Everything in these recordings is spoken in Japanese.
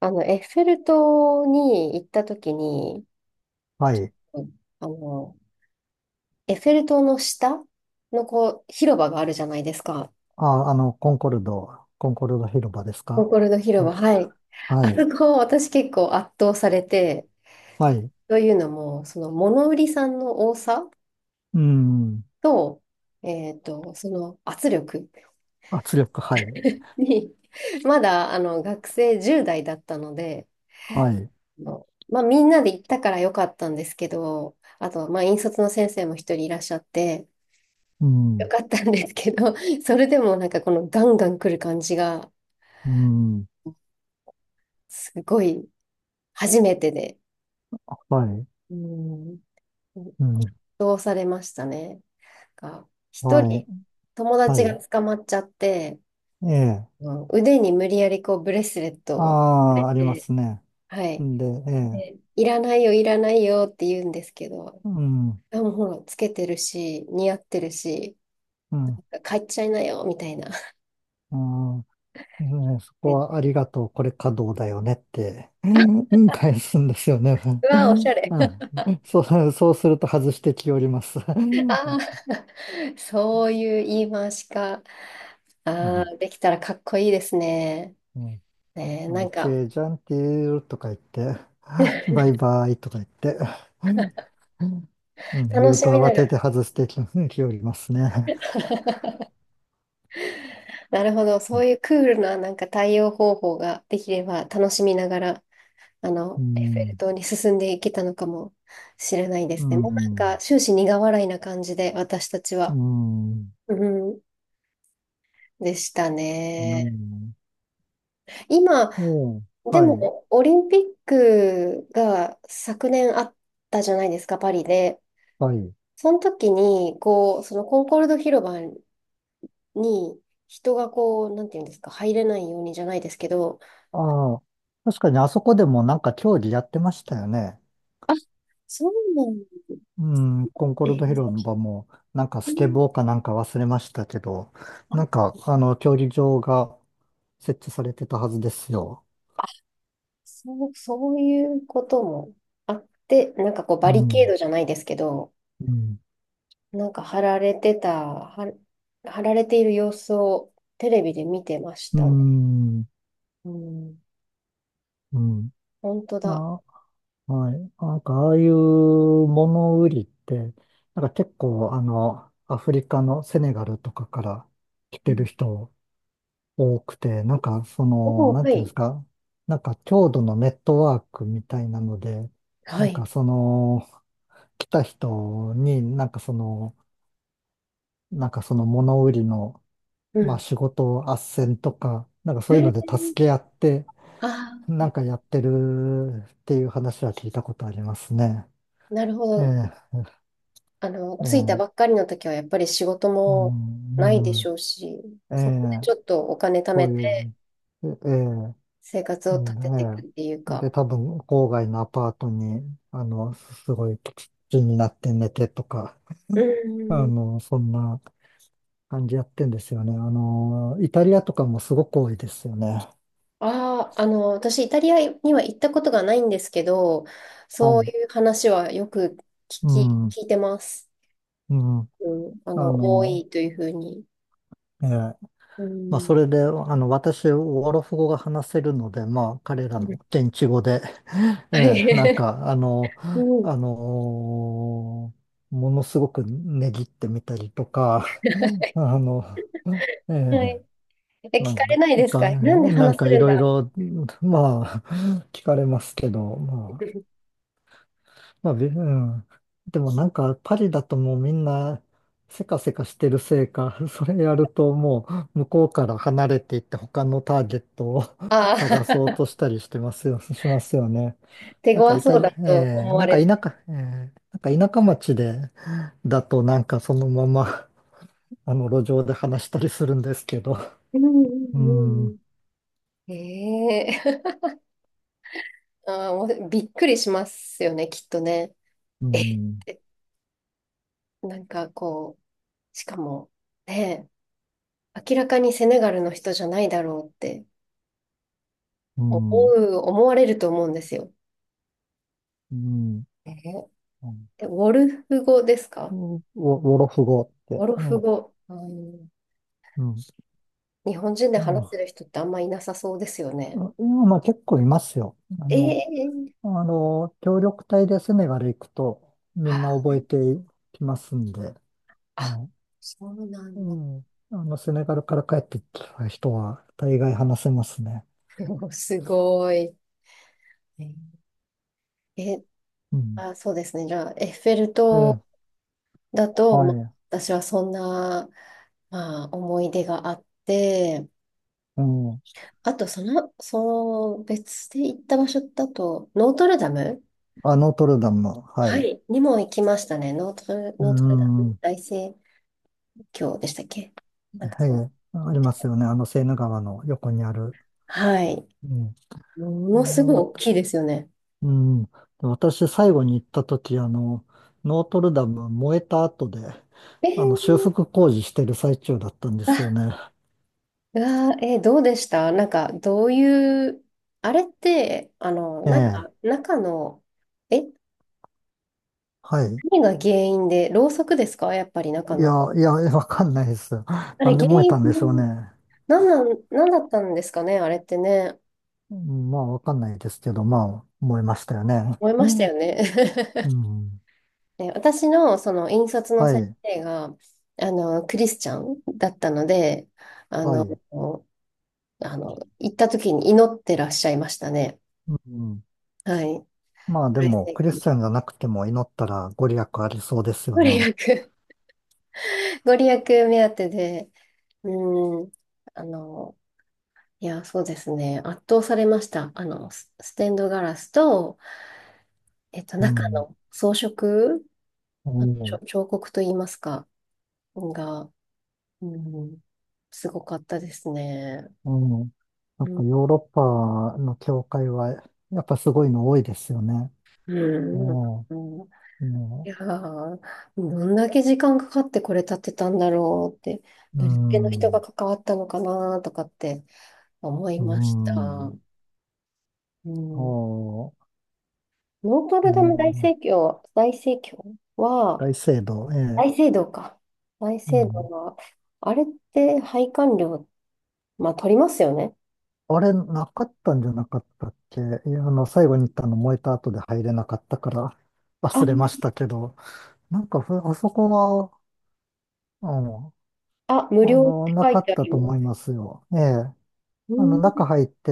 エッフェル塔に行った時に、はい。うんあの、エッフェル塔の下のこう、広場があるじゃないですか。あ、コンコルド広場ですコンか。コルド広場、はい。はあそい。こ、私結構圧倒されて、はい。というのも、その物売りさんの多さうん。と、その圧力圧力、はい。に、まだ学生10代だったので、はい。まあみんなで行ったから良かったんですけど、あと、まあ引率の先生も一人いらっしゃって、うよん。かったんですけど、それでもなんかこのガンガン来る感じが、うん。すごい初めてで、はい。うん、うん。どうされましたね。なんか、一はい。人友は達がい。捕まっちゃって、ええ。うん腕に無理やりこうブレスレットあをくれあ、ありまて、すね。はい。で、ええ。で、いらないよ、いらないよって言うんですけど、うん。あ、もうほら、つけてるし、似合ってるし、うん。帰っちゃいなよ、みたいな。うんね、そこではありがとう、これ稼働だよねって、うん、返すんですよね。ううわ、おしん、ゃれ。そうすると外してきおります。うん。あー そういう言い回しか。ああ、できたらかっこいいですね。うん。ねえ、あなの、んチか、ェージャンティーとか言って、バイバイとか言って、うん、言楽うしとみな慌がてら、て外してき、きおりますね。なるほど、そういうクールななんか対応方法ができれば、楽しみながら、うエッフェルん、塔に進んでいけたのかもしれないでうすね。もうなんか、ん、終始苦笑いな感じで、私たちうは。ん、うん、でしたうね。ん、今、おう、ではい、も、オリンピックが昨年あったじゃないですか、パリで。はい。その時に、こう、そのコンコルド広場に人がこう、なんていうんですか、入れないようにじゃないですけど、ああ、確かにあそこでもなんか競技やってましたよね。あ、そうなんうん、コンコえルえ、ド広場も、なんかスケボーかなんか忘れましたけど、なんか、あの、競技場が設置されてたはずですよ。そう、そういうこともあって、なんかこう、うバリケーん。ドじゃないですけど、うん。なんか貼られている様子をテレビで見てましうたね。ん。うん、うん。本当だ。あ、はい。なんか、ああいう物売りって、なんか結構、あの、アフリカのセネガルとかから来うてるん人多くて、なんか、その、おなーんはていうんですい。か、なんか、郷土のネットワークみたいなので、はなんい。か、その、来た人に、なんかその物売りの、うまあ、ん。仕事斡旋とか、なんかそういうえのでー助け合って、あなあ、んかやってるっていう話は聞いたことありますね。なるほえど。え、ええ、う着いたん、ばっかりの時はやっぱり仕事もうないでしん、ょうし、えそこでえ、ちょっとお金貯そめういてう、ええ、生活うをん、立てていくえっていうえ。か。で、多分、郊外のアパートに、あの、すごい土になって寝てとか、うあん。の、そんな感じやってんですよね。あの、イタリアとかもすごく多いですよね。ああ、私イタリアには行ったことがないんですけど、はそうい。いう話はよく聞うき、ん、う聞いてます。ん、うん。あ多の、いというふうに。ええ。うまあ、ん。それで、あの、私、オアロフ語が話せるので、まあ、彼らの現地語で、えはえ、なんい。か、あの、うん。あのーものすごくねぎってみたりとか、あの、えはえ、い。え、な聞かんれないですか、かなんでなん話せかいるんろいだ ろ、まあ、聞かれますけど、まあ、まあ、び うん。でもなんかパリだともうみんなせかせかしてるせいか、それやると向こうから離れていって他のターゲットを あ探そうあ、としたりしてますよ、しますよね。手なんか強イタそうリ、だとえー、思われて。舎、えー、なんか田舎町でだとなんかそのまま あの路上で話したりするんですけど。うんう うん、うんん、うん。ええ あー、もうびっくりしますよね、きっとね。うえっん、てなんかこう、しかも、ねえ、明らかにセネガルの人じゃないだろうってう思ん。思われると思うんですよ。うえーん、え、ウォルフ語ですかウォロフ語っウて。ォルフうん。語。うんう日本人で話せるん、人ってあんまいなさそうですよね。あ、いや、まあ結構いますよ。ええあの、協力隊でセネガル行くとみんなあ、覚えてきますんで、あ、ね。そうなうんだ。ん。あの、セネガルから帰ってきた人は大概話せますね。すごい。えーえうん。あ、そうですね。じゃあ、エッフェルで、塔だと、はまあい。私はそんな、まあ、思い出があって、うん。あと、その別で行った場所だと、ノートルダムあ、ノートルダム、ははい。い。にも行きましたね。ノートル、うノートルダん。ムは大聖教でしたっけなんかそう。い。ありますよね。あの、セーヌ川の横にある。はい。うん。ものすごいあ、大きいですよね。うん。で、私、最後に行った時、あの、ノートルダム燃えた後で、えあの、修ー、復工事してる最中だったんですよあ、ね。うわー、どうでしたなんか、どういう、あれって、えなんか、え。中の、え、はい。何が原因で、ろうそくですかやっぱり中の。いや、わかんないです。あなれ、んで原燃え因、たんでしょうね。何だったんですかねあれってね、うん、まあ、わかんないですけど、まあ、燃えましたよね。思いましたようね。ん。で私のその引率のは先い。生が、クリスチャンだったので、あはの、い。行った時に祈ってらっしゃいましたね。うん。はい。まあ、ではも、クリスいチャンじゃなくても祈ったらご利益ありそうですよご利ね。益、ご利益目当てで、うん、あの、いや、そうですね、圧倒されました。スステンドガラスと、う中ん。の装飾、うん。彫刻といいますか、が、うん、すごかったですね。うん。やうっん。ぱヨーロッパの教会は、やっぱすごいの多いですよね。うんもうんう、もいやー、どんだけ時間かかってこれ建てたんだろうって、うどれだけの人がん、関わったのかなとかって思いうました。ん、うん、おノートう、ルダムも大う、聖教、大聖教は、大聖堂、ええ、大聖堂か。大う聖堂ん。は、あれって拝観料、まあ取りますよね。あれ、なかったんじゃなかったっけ。いや、あの、最後に行ったの燃えた後で入れなかったから 忘れまあしたけど、なんかふ、あそこは、うん、あ、無あ料っの、てな書いかてっあたりとま思いす。ますよ。ええ。うあの、ん、中入って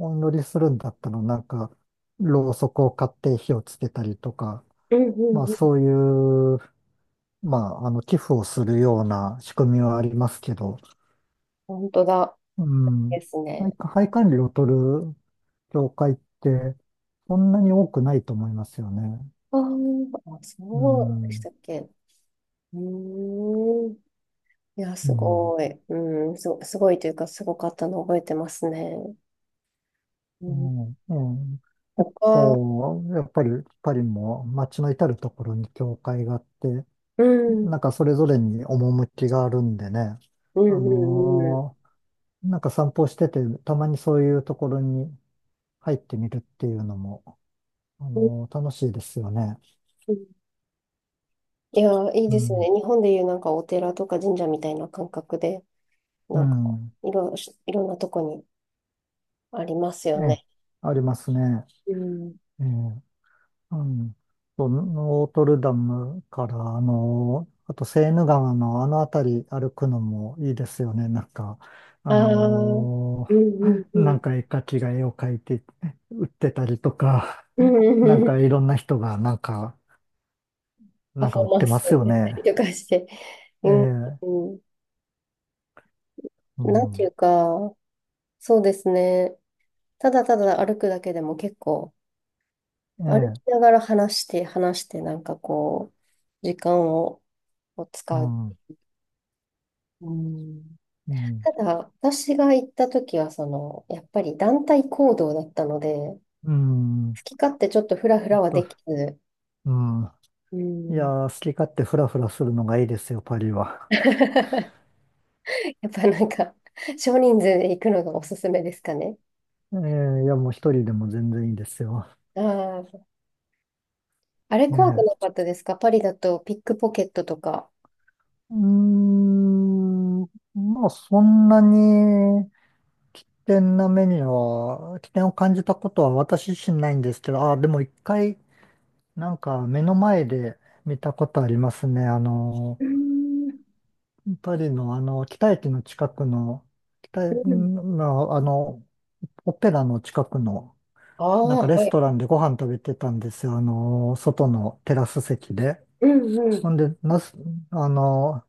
お祈りするんだったら、なんか、ろうそくを買って火をつけたりとか、うん、うん、まあうん。そういう、まあ、あの、寄付をするような仕組みはありますけど、本当だ。うん。ですね。配管理を取る教会って、そんなに多くないと思いますよね。あーあ、うそうでしん。たっけ。うーん。いや、うすん。ごい。うん、すごいというか、すごかったの覚えてますね。ううん、ん。うん、結他、構、やっぱり、パリも街の至るところに教会があって、うん、うん、なんかそれぞれに趣があるんでね、うあん、うのー、なんか散歩してて、たまにそういうところに入ってみるっていうのも、あん。のー楽しいですよね。うんいや、いいうですよね。ん。日本でいうなんかお寺とか神社みたいな感覚で、うなんか、ん。いろ、いろんなとこにありますえよえ、ね。ありますね。うん。ええ、うん。そう、ノートルダムから、あのーあとセーヌ川のあの辺り歩くのもいいですよね。なんか、あああ、うん、のうーん、うなんん。か絵描きが絵を描いて売ってたりとか、うなんんかいろんな人がなんか、パなんフかォ売ーっマてンまス すよね。とかして。うえん、え、うんうなんていん、うか、そうですね。ただただ歩くだけでも結構、え歩きえ、ながら話して、話して、なんかこう、時間を、う使う。ん、ううんん、ただ、私が行った時は、その、やっぱり団体行動だったので、好うん、き勝手ちょっとフラフラはそでう、きず、うん。ういやん ー、好き勝手フラフラするのがいいですよ、パリは。やっぱなんか、少人数で行くのがおすすめですかね。ええ、いや、もう一人でも全然いいですよ。ああ、あれえ怖くえ、なかったですかパリだとピックポケットとか。うーん、まあ、そんなに危険な目には、危険を感じたことは私自身ないんですけど、ああでも一回、なんか目の前で見たことありますね。あの、うーん、パリのあの、北駅の近くの、う北駅ん、のあの、オペラの近くの、あなんかあ、レはスい。トランでご飯食べてたんですよ。あの、外のテラス席で。うん、うほん。んで、なす、あの、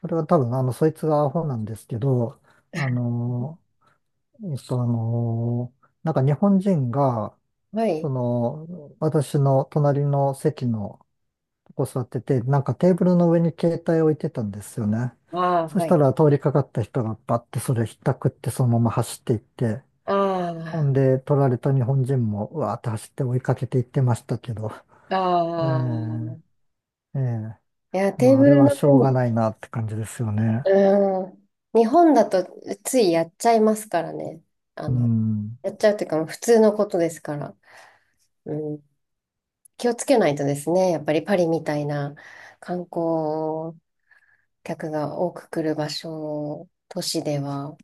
それは多分、あの、そいつがアホなんですけど、あの、えっと、あの、なんか日本人が、はい。私の隣の席の、こう座ってて、なんかテーブルの上に携帯置いてたんですよね。ああ、そしはたい。ら通りかかった人がバッてそれひったくってそのまま走っていって、ほあんで取られた日本人もうわーって走って追いかけていってましたけど、あ、あねあ。え、ええ、いや、テーまああブれルはのし上ょうがに、ないなって感じですよね。うん。日本だとついやっちゃいますからね。あうの、ん。やっちゃうというか、普通のことですから。うん。気をつけないとですね。やっぱりパリみたいな観光客が多く来る場所、都市では。